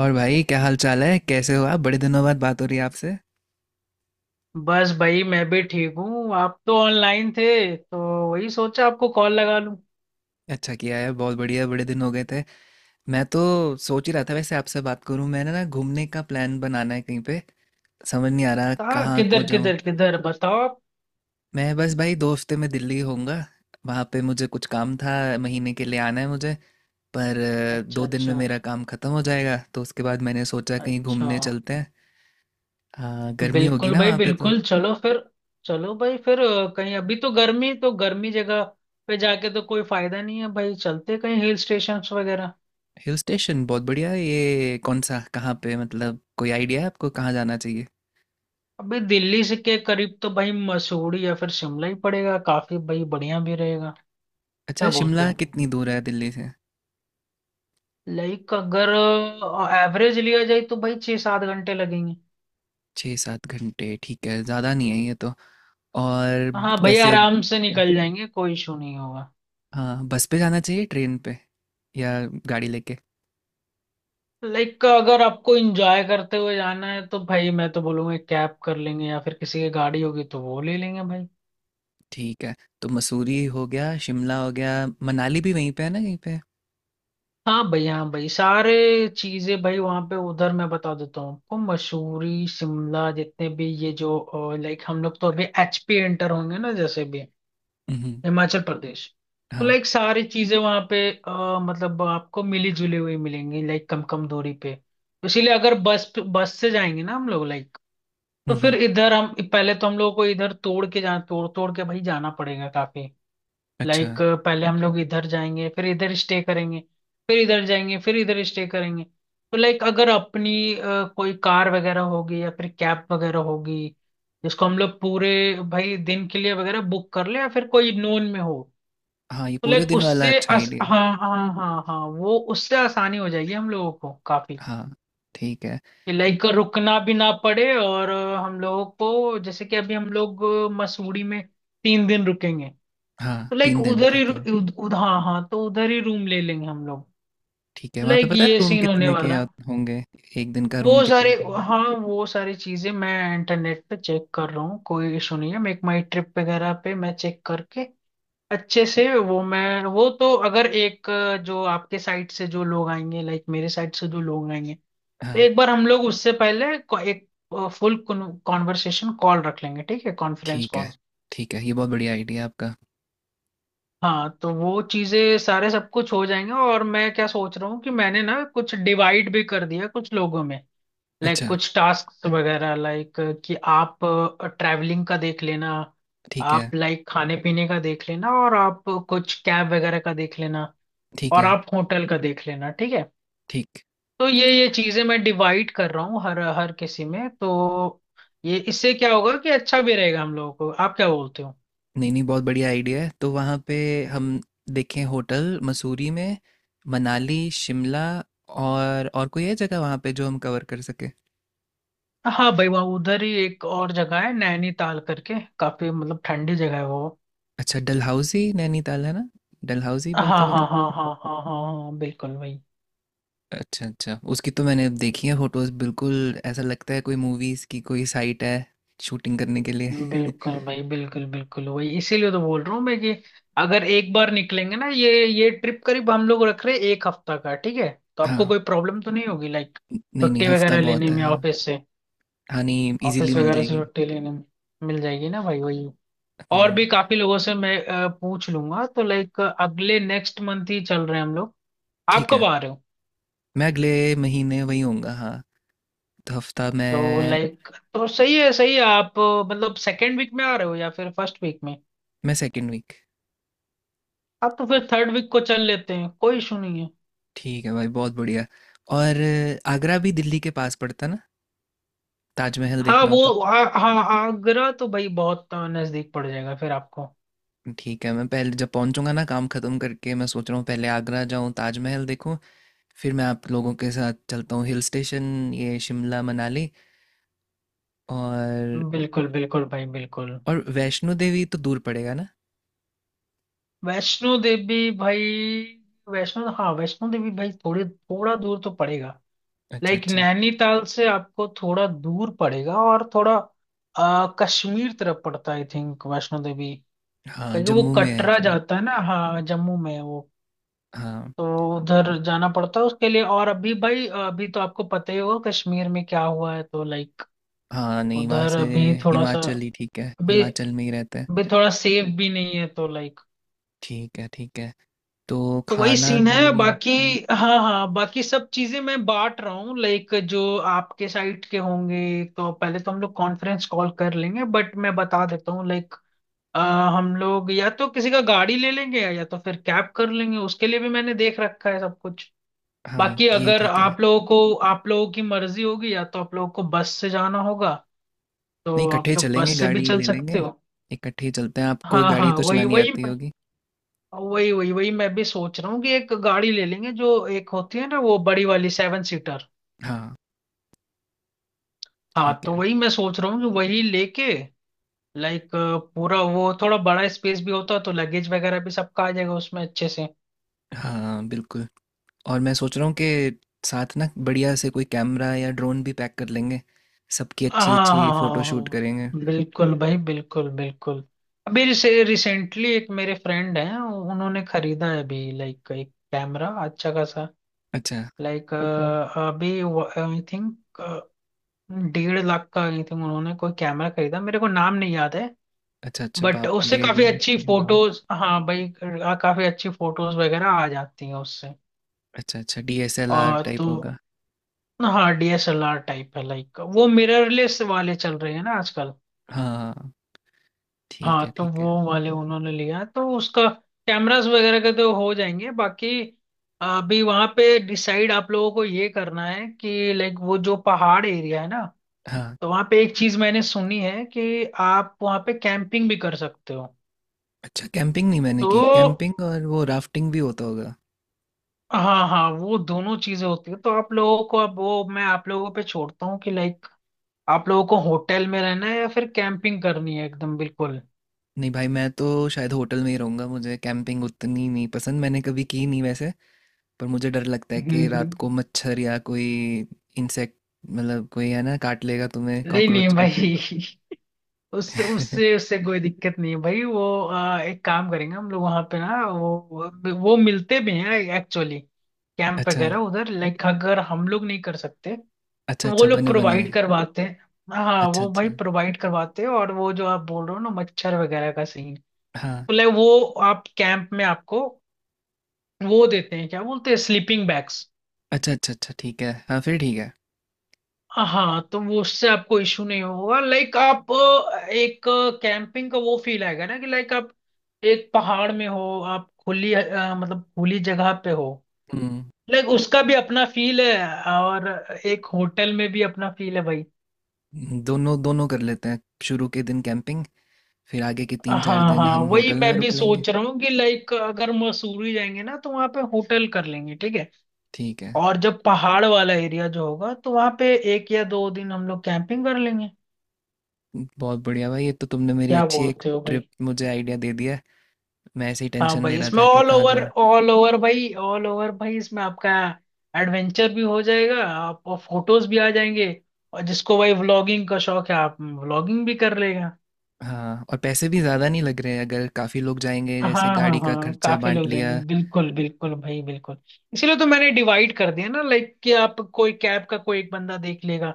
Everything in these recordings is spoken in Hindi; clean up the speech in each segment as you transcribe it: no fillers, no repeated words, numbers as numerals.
और भाई, क्या हाल चाल है? कैसे हो आप? बड़े दिनों बाद बात हो रही है आपसे। बस भाई मैं भी ठीक हूँ। आप तो ऑनलाइन थे तो वही सोचा आपको कॉल लगा लूँ। अच्छा किया है, बहुत बढ़िया, बड़े दिन हो गए थे। मैं तो सोच ही रहा था वैसे आपसे बात करूं। मैंने ना घूमने का प्लान बनाना है कहीं पे, समझ नहीं आ रहा कहाँ कहाँ को किधर जाऊं। किधर किधर बताओ आप। मैं बस भाई 2 हफ्ते में दिल्ली होऊंगा। वहाँ पे मुझे कुछ काम था, महीने के लिए आना है मुझे। पर अच्छा 2 दिन में अच्छा। मेरा काम खत्म हो जाएगा, तो उसके बाद मैंने सोचा कहीं अच्छा घूमने चलते हैं। हाँ, गर्मी होगी बिल्कुल ना भाई वहाँ पे तो। बिल्कुल, चलो फिर। चलो भाई फिर कहीं अभी तो गर्मी, तो गर्मी जगह पे जाके तो कोई फायदा नहीं है भाई। चलते कहीं हिल स्टेशन वगैरह। हिल स्टेशन बहुत बढ़िया है। ये कौन सा, कहाँ पे, मतलब कोई आइडिया है आपको कहाँ जाना चाहिए? अभी दिल्ली से के करीब तो भाई मसूरी या फिर शिमला ही पड़ेगा, काफी भाई बढ़िया भी रहेगा। अच्छा, क्या बोलते शिमला हो? कितनी दूर है दिल्ली से? लाइक अगर एवरेज लिया जाए तो भाई 6-7 घंटे लगेंगे। 6-7 घंटे ठीक है, ज़्यादा नहीं है ये तो। और हाँ भैया कैसे? आराम से निकल मम्म। जाएंगे, कोई इशू नहीं होगा। हाँ, बस पे जाना चाहिए, ट्रेन पे, या गाड़ी लेके। लाइक अगर आपको एंजॉय करते हुए जाना है तो भाई मैं तो बोलूंगा कैब कर लेंगे, या फिर किसी की गाड़ी होगी तो वो ले लेंगे भाई। ठीक है। तो मसूरी हो गया, शिमला हो गया। मनाली भी वहीं पे है ना कहीं पे? हाँ भाई, हाँ भाई, सारे चीजें भाई वहाँ पे उधर, मैं बता देता हूँ आपको। मसूरी शिमला जितने भी ये जो लाइक हम लोग तो अभी एचपी एंटर होंगे ना, जैसे भी हम्म। हिमाचल प्रदेश। तो हाँ। लाइक सारी चीजें वहाँ पे मतलब आपको मिली जुली हुई मिलेंगी लाइक, कम कम दूरी पे। इसीलिए अगर बस बस से जाएंगे ना हम लोग, लाइक तो फिर हम्म। इधर हम पहले, तो हम लोगों को इधर तोड़ के जाना, तोड़ तोड़ के भाई जाना पड़ेगा काफी। अच्छा। लाइक पहले हम लोग इधर जाएंगे फिर इधर स्टे करेंगे, फिर इधर जाएंगे फिर इधर स्टे करेंगे। तो लाइक अगर अपनी कोई कार वगैरह होगी या फिर कैब वगैरह होगी, जिसको हम लोग पूरे भाई दिन के लिए वगैरह बुक कर ले, या फिर कोई नोन में हो। हाँ, ये तो पूरे लाइक दिन वाला अच्छा आइडिया है। हाँ हाँ हाँ हाँ, वो उससे आसानी हो जाएगी हम लोगों को काफी। हाँ। ठीक है। लाइक रुकना भी ना पड़े और हम लोगों को जैसे कि अभी हम लोग मसूरी में 3 दिन रुकेंगे। हाँ, तो लाइक 3 दिन उधर ही ठीक है। हाँ हाँ, तो उधर ही रूम ले लेंगे हम लोग। ठीक है, वहाँ पे लाइक पता है ये रूम सीन होने कितने के वाला है। होंगे? एक दिन का रूम वो कितने सारे, का होगा? हाँ वो सारी चीजें मैं इंटरनेट पे चेक कर रहा हूँ, कोई इशू नहीं है। मेक माई ट्रिप वगैरह पे मैं चेक करके अच्छे से वो, मैं वो तो अगर एक जो आपके साइड से जो लोग आएंगे, लाइक मेरे साइड से जो लोग आएंगे, तो हाँ। एक बार हम लोग उससे पहले एक फुल कॉन्वर्सेशन कॉल रख लेंगे ठीक है, कॉन्फ्रेंस ठीक है, कॉल। ठीक है, ये बहुत बढ़िया आइडिया आपका। हाँ तो वो चीजें सारे सब कुछ हो जाएंगे। और मैं क्या सोच रहा हूँ कि मैंने ना कुछ डिवाइड भी कर दिया कुछ लोगों में, लाइक अच्छा। कुछ टास्क वगैरह, लाइक कि आप ट्रैवलिंग का देख लेना, ठीक है। आप लाइक खाने पीने का देख लेना, और आप कुछ कैब वगैरह का देख लेना, ठीक और है। आप होटल का देख लेना, ठीक है। ठीक। तो ये चीजें मैं डिवाइड कर रहा हूँ हर हर किसी में, तो ये इससे क्या होगा कि अच्छा भी रहेगा हम लोगों को। आप क्या बोलते हो? नहीं, नहीं, बहुत बढ़िया आइडिया है। तो वहाँ पे हम देखें होटल मसूरी में, मनाली, शिमला और कोई है जगह वहाँ पे जो हम कवर कर सकें? हाँ भाई वहाँ उधर ही एक और जगह है नैनीताल करके, काफी मतलब ठंडी जगह है वो। अच्छा, डलहौज़ी नैनीताल है ना? डलहौज़ी बोलते हाँ हैं, पता हाँ नहीं। हाँ हाँ हाँ हाँ हाँ, बिल्कुल भाई। अच्छा, अच्छा। उसकी तो मैंने देखी है फ़ोटोज़, बिल्कुल ऐसा लगता है कोई मूवीज़ की कोई साइट है शूटिंग करने के लिए। बिल्कुल भाई बिल्कुल बिल्कुल वही, इसीलिए तो बोल रहा हूँ मैं कि अगर एक बार निकलेंगे ना, ये ट्रिप करीब हम लोग रख रहे हैं एक हफ्ता का, ठीक है? तो आपको हाँ। कोई प्रॉब्लम तो नहीं होगी लाइक न नहीं, नहीं, छुट्टी हफ़्ता वगैरह बहुत लेने है, में हाँ। ऑफिस से, हाँ, नहीं, ईज़िली ऑफिस मिल वगैरह से जाएगी। छुट्टी लेने में मिल जाएगी ना भाई, वही। और हुँ, भी काफी लोगों से मैं पूछ लूंगा, तो लाइक अगले नेक्स्ट मंथ ही चल रहे हैं हम लोग। आप ठीक है। कब आ रहे हो? मैं अगले महीने वहीं होऊँगा, हाँ। तो हफ्ता तो में लाइक तो सही है, सही है। आप मतलब सेकेंड वीक में आ रहे हो या फिर फर्स्ट वीक में? मैं सेकंड वीक। आप तो फिर थर्ड वीक को चल लेते हैं, कोई इशू नहीं है। ठीक है भाई, बहुत बढ़िया। और आगरा भी दिल्ली के पास पड़ता ना, ताजमहल हाँ देखना होता। वो, हाँ हाँ आगरा तो भाई बहुत नजदीक पड़ जाएगा फिर आपको। ठीक है, मैं पहले जब पहुंचूंगा ना काम खत्म करके, मैं सोच रहा हूँ पहले आगरा जाऊँ, ताजमहल देखूँ, फिर मैं आप लोगों के साथ चलता हूँ हिल स्टेशन, ये शिमला मनाली। और बिल्कुल बिल्कुल भाई, बिल्कुल। और वैष्णो देवी तो दूर पड़ेगा ना? वैष्णो देवी भाई, वैष्णो हाँ वैष्णो देवी भाई थोड़ी थोड़ा दूर तो पड़ेगा। अच्छा, लाइक अच्छा। नैनीताल से आपको थोड़ा दूर पड़ेगा और थोड़ा कश्मीर तरफ पड़ता है आई थिंक, वैष्णो देवी। हाँ, क्योंकि वो जम्मू में है कटरा शायद। जाता है ना, हाँ जम्मू में है वो। हाँ। तो उधर जाना पड़ता है उसके लिए। और अभी भाई, अभी तो आपको पता ही होगा कश्मीर में क्या हुआ है, तो लाइक हाँ, नहीं, वहाँ उधर से अभी थोड़ा सा, हिमाचल ही ठीक है, अभी हिमाचल में ही रहते हैं। अभी थोड़ा सेफ भी नहीं है तो लाइक, ठीक है, ठीक है। तो तो वही खाना सीन भी। है बाकी। हाँ हाँ, बाकी सब चीजें मैं बांट रहा हूँ लाइक, जो आपके साइट के होंगे, तो पहले तो हम लोग कॉन्फ्रेंस कॉल कर लेंगे। बट मैं बता देता हूँ लाइक हम लोग या तो किसी का गाड़ी ले लेंगे, या तो फिर कैब कर लेंगे, उसके लिए भी मैंने देख रखा है सब कुछ। हाँ, बाकी ये अगर ठीक है। आप लोगों को, आप लोगों की मर्जी होगी, या तो आप लोगों को बस से जाना होगा नहीं, तो इकट्ठे ही आप लोग बस चलेंगे, से भी गाड़ी चल ले सकते लेंगे। हो। इकट्ठे ही चलते हैं, आपको हाँ गाड़ी हाँ तो वही चलानी वही आती होगी। वही वही वही मैं भी सोच रहा हूँ कि एक गाड़ी ले लेंगे जो एक होती है ना, वो बड़ी वाली 7 सीटर। हाँ। हाँ ठीक तो है। वही मैं सोच रहा हूँ कि वही लेके, लाइक पूरा वो थोड़ा बड़ा स्पेस भी होता तो लगेज वगैरह भी सबका आ जाएगा उसमें अच्छे से। हाँ, बिल्कुल। और मैं सोच रहा हूँ कि साथ ना बढ़िया से कोई कैमरा या ड्रोन भी पैक कर लेंगे, सबकी हाँ अच्छी हाँ अच्छी फोटो हाँ शूट करेंगे। हाँ बिल्कुल भाई बिल्कुल बिल्कुल। अभी रिसेंटली एक मेरे फ्रेंड हैं उन्होंने खरीदा है अभी, लाइक एक कैमरा अच्छा खासा, अच्छा। लाइक अच्छा अभी आई थिंक 1.5 लाख का। आई थिंक उन्होंने कोई कैमरा खरीदा, मेरे को नाम नहीं याद है। अच्छा अच्छा बट बाप, उससे डेढ़ काफी लाख अच्छी है, वाह। फोटोज, हाँ भाई, काफी अच्छी फोटोज वगैरह आ जाती हैं उससे। अच्छा, अच्छा, डीएसएलआर और तो टाइप होगा। हाँ डीएसएलआर टाइप है, लाइक वो मिररलेस वाले चल रहे हैं ना आजकल। हाँ। ठीक हाँ है, तो ठीक वो है। वाले उन्होंने लिया, तो उसका कैमरास वगैरह के तो हो जाएंगे बाकी। अभी वहां पे डिसाइड आप लोगों को ये करना है कि लाइक वो जो पहाड़ एरिया है ना, हाँ। तो वहां पे एक चीज मैंने सुनी है कि आप वहां पे कैंपिंग भी कर सकते हो। अच्छा, कैंपिंग नहीं मैंने की, तो कैंपिंग और वो राफ्टिंग भी होता होगा। हाँ हाँ, वो दोनों चीजें होती है, तो आप लोगों को, अब वो मैं आप लोगों पे छोड़ता हूँ कि लाइक आप लोगों को होटल में रहना है या फिर कैंपिंग करनी है, एकदम बिल्कुल। नहीं भाई, मैं तो शायद होटल में ही रहूंगा, मुझे कैंपिंग उतनी नहीं पसंद, मैंने कभी की नहीं वैसे। पर मुझे डर लगता है कि नहीं रात को मच्छर या कोई इंसेक्ट, मतलब कोई है ना काट लेगा तुम्हें, नहीं कॉकरोच कुछ। भाई, उससे उससे उससे कोई दिक्कत नहीं है भाई। वो एक काम करेंगे हम लोग वहां पे ना, वो मिलते भी हैं एक्चुअली, कैंप अच्छा। वगैरह उधर, लाइक अगर हम लोग नहीं कर सकते अच्छा, तो वो अच्छा, लोग बने बनाए। प्रोवाइड करवाते हैं। हाँ अच्छा, वो अच्छा। भाई प्रोवाइड करवाते हैं, और वो जो आप बोल रहे हो ना मच्छर वगैरह का सीन, हाँ। तो like वो आप कैंप में आपको वो देते हैं, क्या बोलते हैं, स्लीपिंग बैग्स। अच्छा, अच्छा, अच्छा, ठीक है, हाँ, फिर ठीक है। हाँ तो वो, उससे आपको इशू नहीं होगा लाइक, आप एक कैंपिंग का वो फील आएगा ना कि लाइक आप एक पहाड़ में हो, आप खुली मतलब खुली जगह पे हो। हम्म। लाइक उसका भी अपना फील है, और एक होटल में भी अपना फील है भाई। दोनों दोनों कर लेते हैं, शुरू के दिन कैंपिंग, फिर आगे के तीन चार हाँ दिन हाँ हम वही होटल मैं में भी रुक लेंगे। सोच रहा हूँ कि लाइक अगर मसूरी जाएंगे ना तो वहां पे होटल कर लेंगे, ठीक है। ठीक है। और जब पहाड़ वाला एरिया जो होगा तो वहां पे 1 या 2 दिन हम लोग कैंपिंग कर लेंगे। बहुत बढ़िया भाई, ये तो तुमने मेरी क्या अच्छी एक बोलते हो भाई! ट्रिप मुझे आइडिया दे दिया है। मैं ऐसे ही हाँ टेंशन ले भाई रहा इसमें था कि ऑल कहाँ ओवर, जाऊँ। ऑल ओवर भाई, ऑल ओवर भाई इसमें आपका एडवेंचर भी हो जाएगा, आप और फोटोज भी आ जाएंगे। और जिसको भाई व्लॉगिंग का शौक है, आप व्लॉगिंग भी कर लेगा। हाँ, और पैसे भी ज़्यादा नहीं लग रहे अगर काफ़ी लोग जाएंगे, हाँ जैसे हाँ गाड़ी का हाँ, खर्चा काफी बांट लोग लिया। जाएंगे, बिल्कुल बिल्कुल भाई बिल्कुल। इसीलिए तो मैंने डिवाइड कर दिया ना लाइक, कि आप कोई कैब का कोई एक बंदा देख लेगा,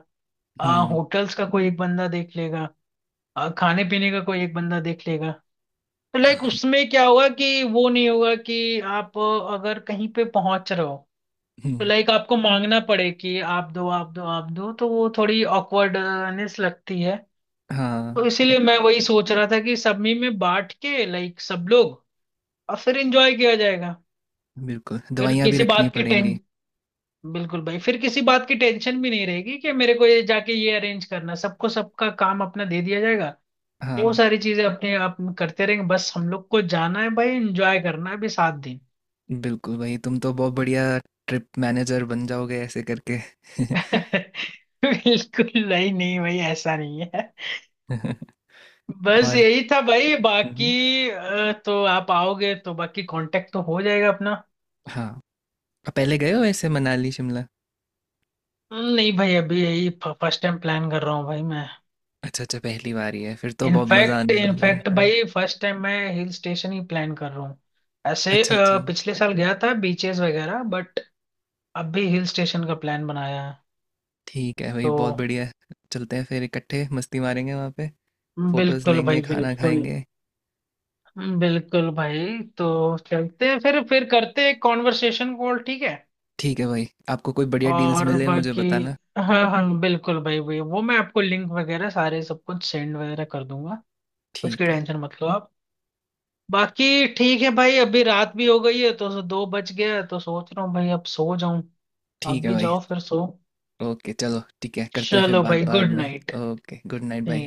हम्म। होटल्स का कोई एक बंदा देख लेगा, खाने पीने का कोई एक बंदा देख लेगा। तो लाइक उसमें क्या होगा कि वो नहीं होगा कि आप अगर कहीं पे पहुंच रहे हो तो हम्म, लाइक आपको मांगना पड़े कि आप दो, आप दो, आप दो, तो वो थोड़ी ऑकवर्डनेस लगती है। तो हाँ, इसीलिए मैं वही सोच रहा था कि सब में बांट के लाइक सब लोग, और फिर एंजॉय किया जाएगा। बिल्कुल, फिर दवाइयाँ भी किसी रखनी बात की टें पड़ेंगी। बिल्कुल भाई, फिर किसी बात की टेंशन भी नहीं रहेगी कि मेरे को ये जाके ये अरेंज करना है। सबको सबका काम अपना दे दिया जाएगा। वो हाँ। सारी चीजें अपने आप करते रहेंगे, बस हम लोग को जाना है भाई, एंजॉय करना है अभी 7 दिन। बिल्कुल भाई, तुम तो बहुत बढ़िया ट्रिप मैनेजर बन जाओगे ऐसे करके। बिल्कुल नहीं नहीं भाई, ऐसा नहीं है। बस और यही था भाई, हम्म, बाकी तो आप आओगे तो बाकी कांटेक्ट तो हो जाएगा अपना। हाँ। अब पहले गए हो ऐसे मनाली शिमला? नहीं भाई, अभी यही फर्स्ट टाइम प्लान कर रहा हूँ भाई मैं। अच्छा, अच्छा, पहली बार ही है, फिर तो बहुत मज़ा इनफैक्ट आने वाला इनफैक्ट है। भाई फर्स्ट टाइम मैं हिल स्टेशन ही प्लान कर रहा हूँ। ऐसे अच्छा, अच्छा, पिछले साल गया था बीचेस वगैरह बट अभी हिल स्टेशन का प्लान बनाया है ठीक है भाई, तो। बहुत बढ़िया। चलते हैं फिर इकट्ठे, मस्ती मारेंगे वहाँ पे, फोटोज बिल्कुल लेंगे, भाई खाना बिल्कुल, खाएंगे। बिल्कुल भाई, तो चलते हैं फिर, करते हैं कॉन्वर्सेशन कॉल, ठीक है। ठीक है भाई, आपको कोई बढ़िया डील्स और मिले मुझे बाकी, बताना। हाँ हाँ बिल्कुल भाई, भाई वो मैं आपको लिंक वगैरह सारे सब कुछ सेंड वगैरह कर दूंगा, उसकी ठीक है। टेंशन मत लो आप। बाकी ठीक है भाई, अभी रात भी हो गई है, तो 2 बज गया है, तो सोच रहा हूँ भाई अब सो जाऊं। आप ठीक है भी भाई। जाओ फिर सो। ओके, चलो, ठीक है, करते हैं फिर चलो बात भाई, बाद गुड में। नाइट। ओके, गुड नाइट भाई।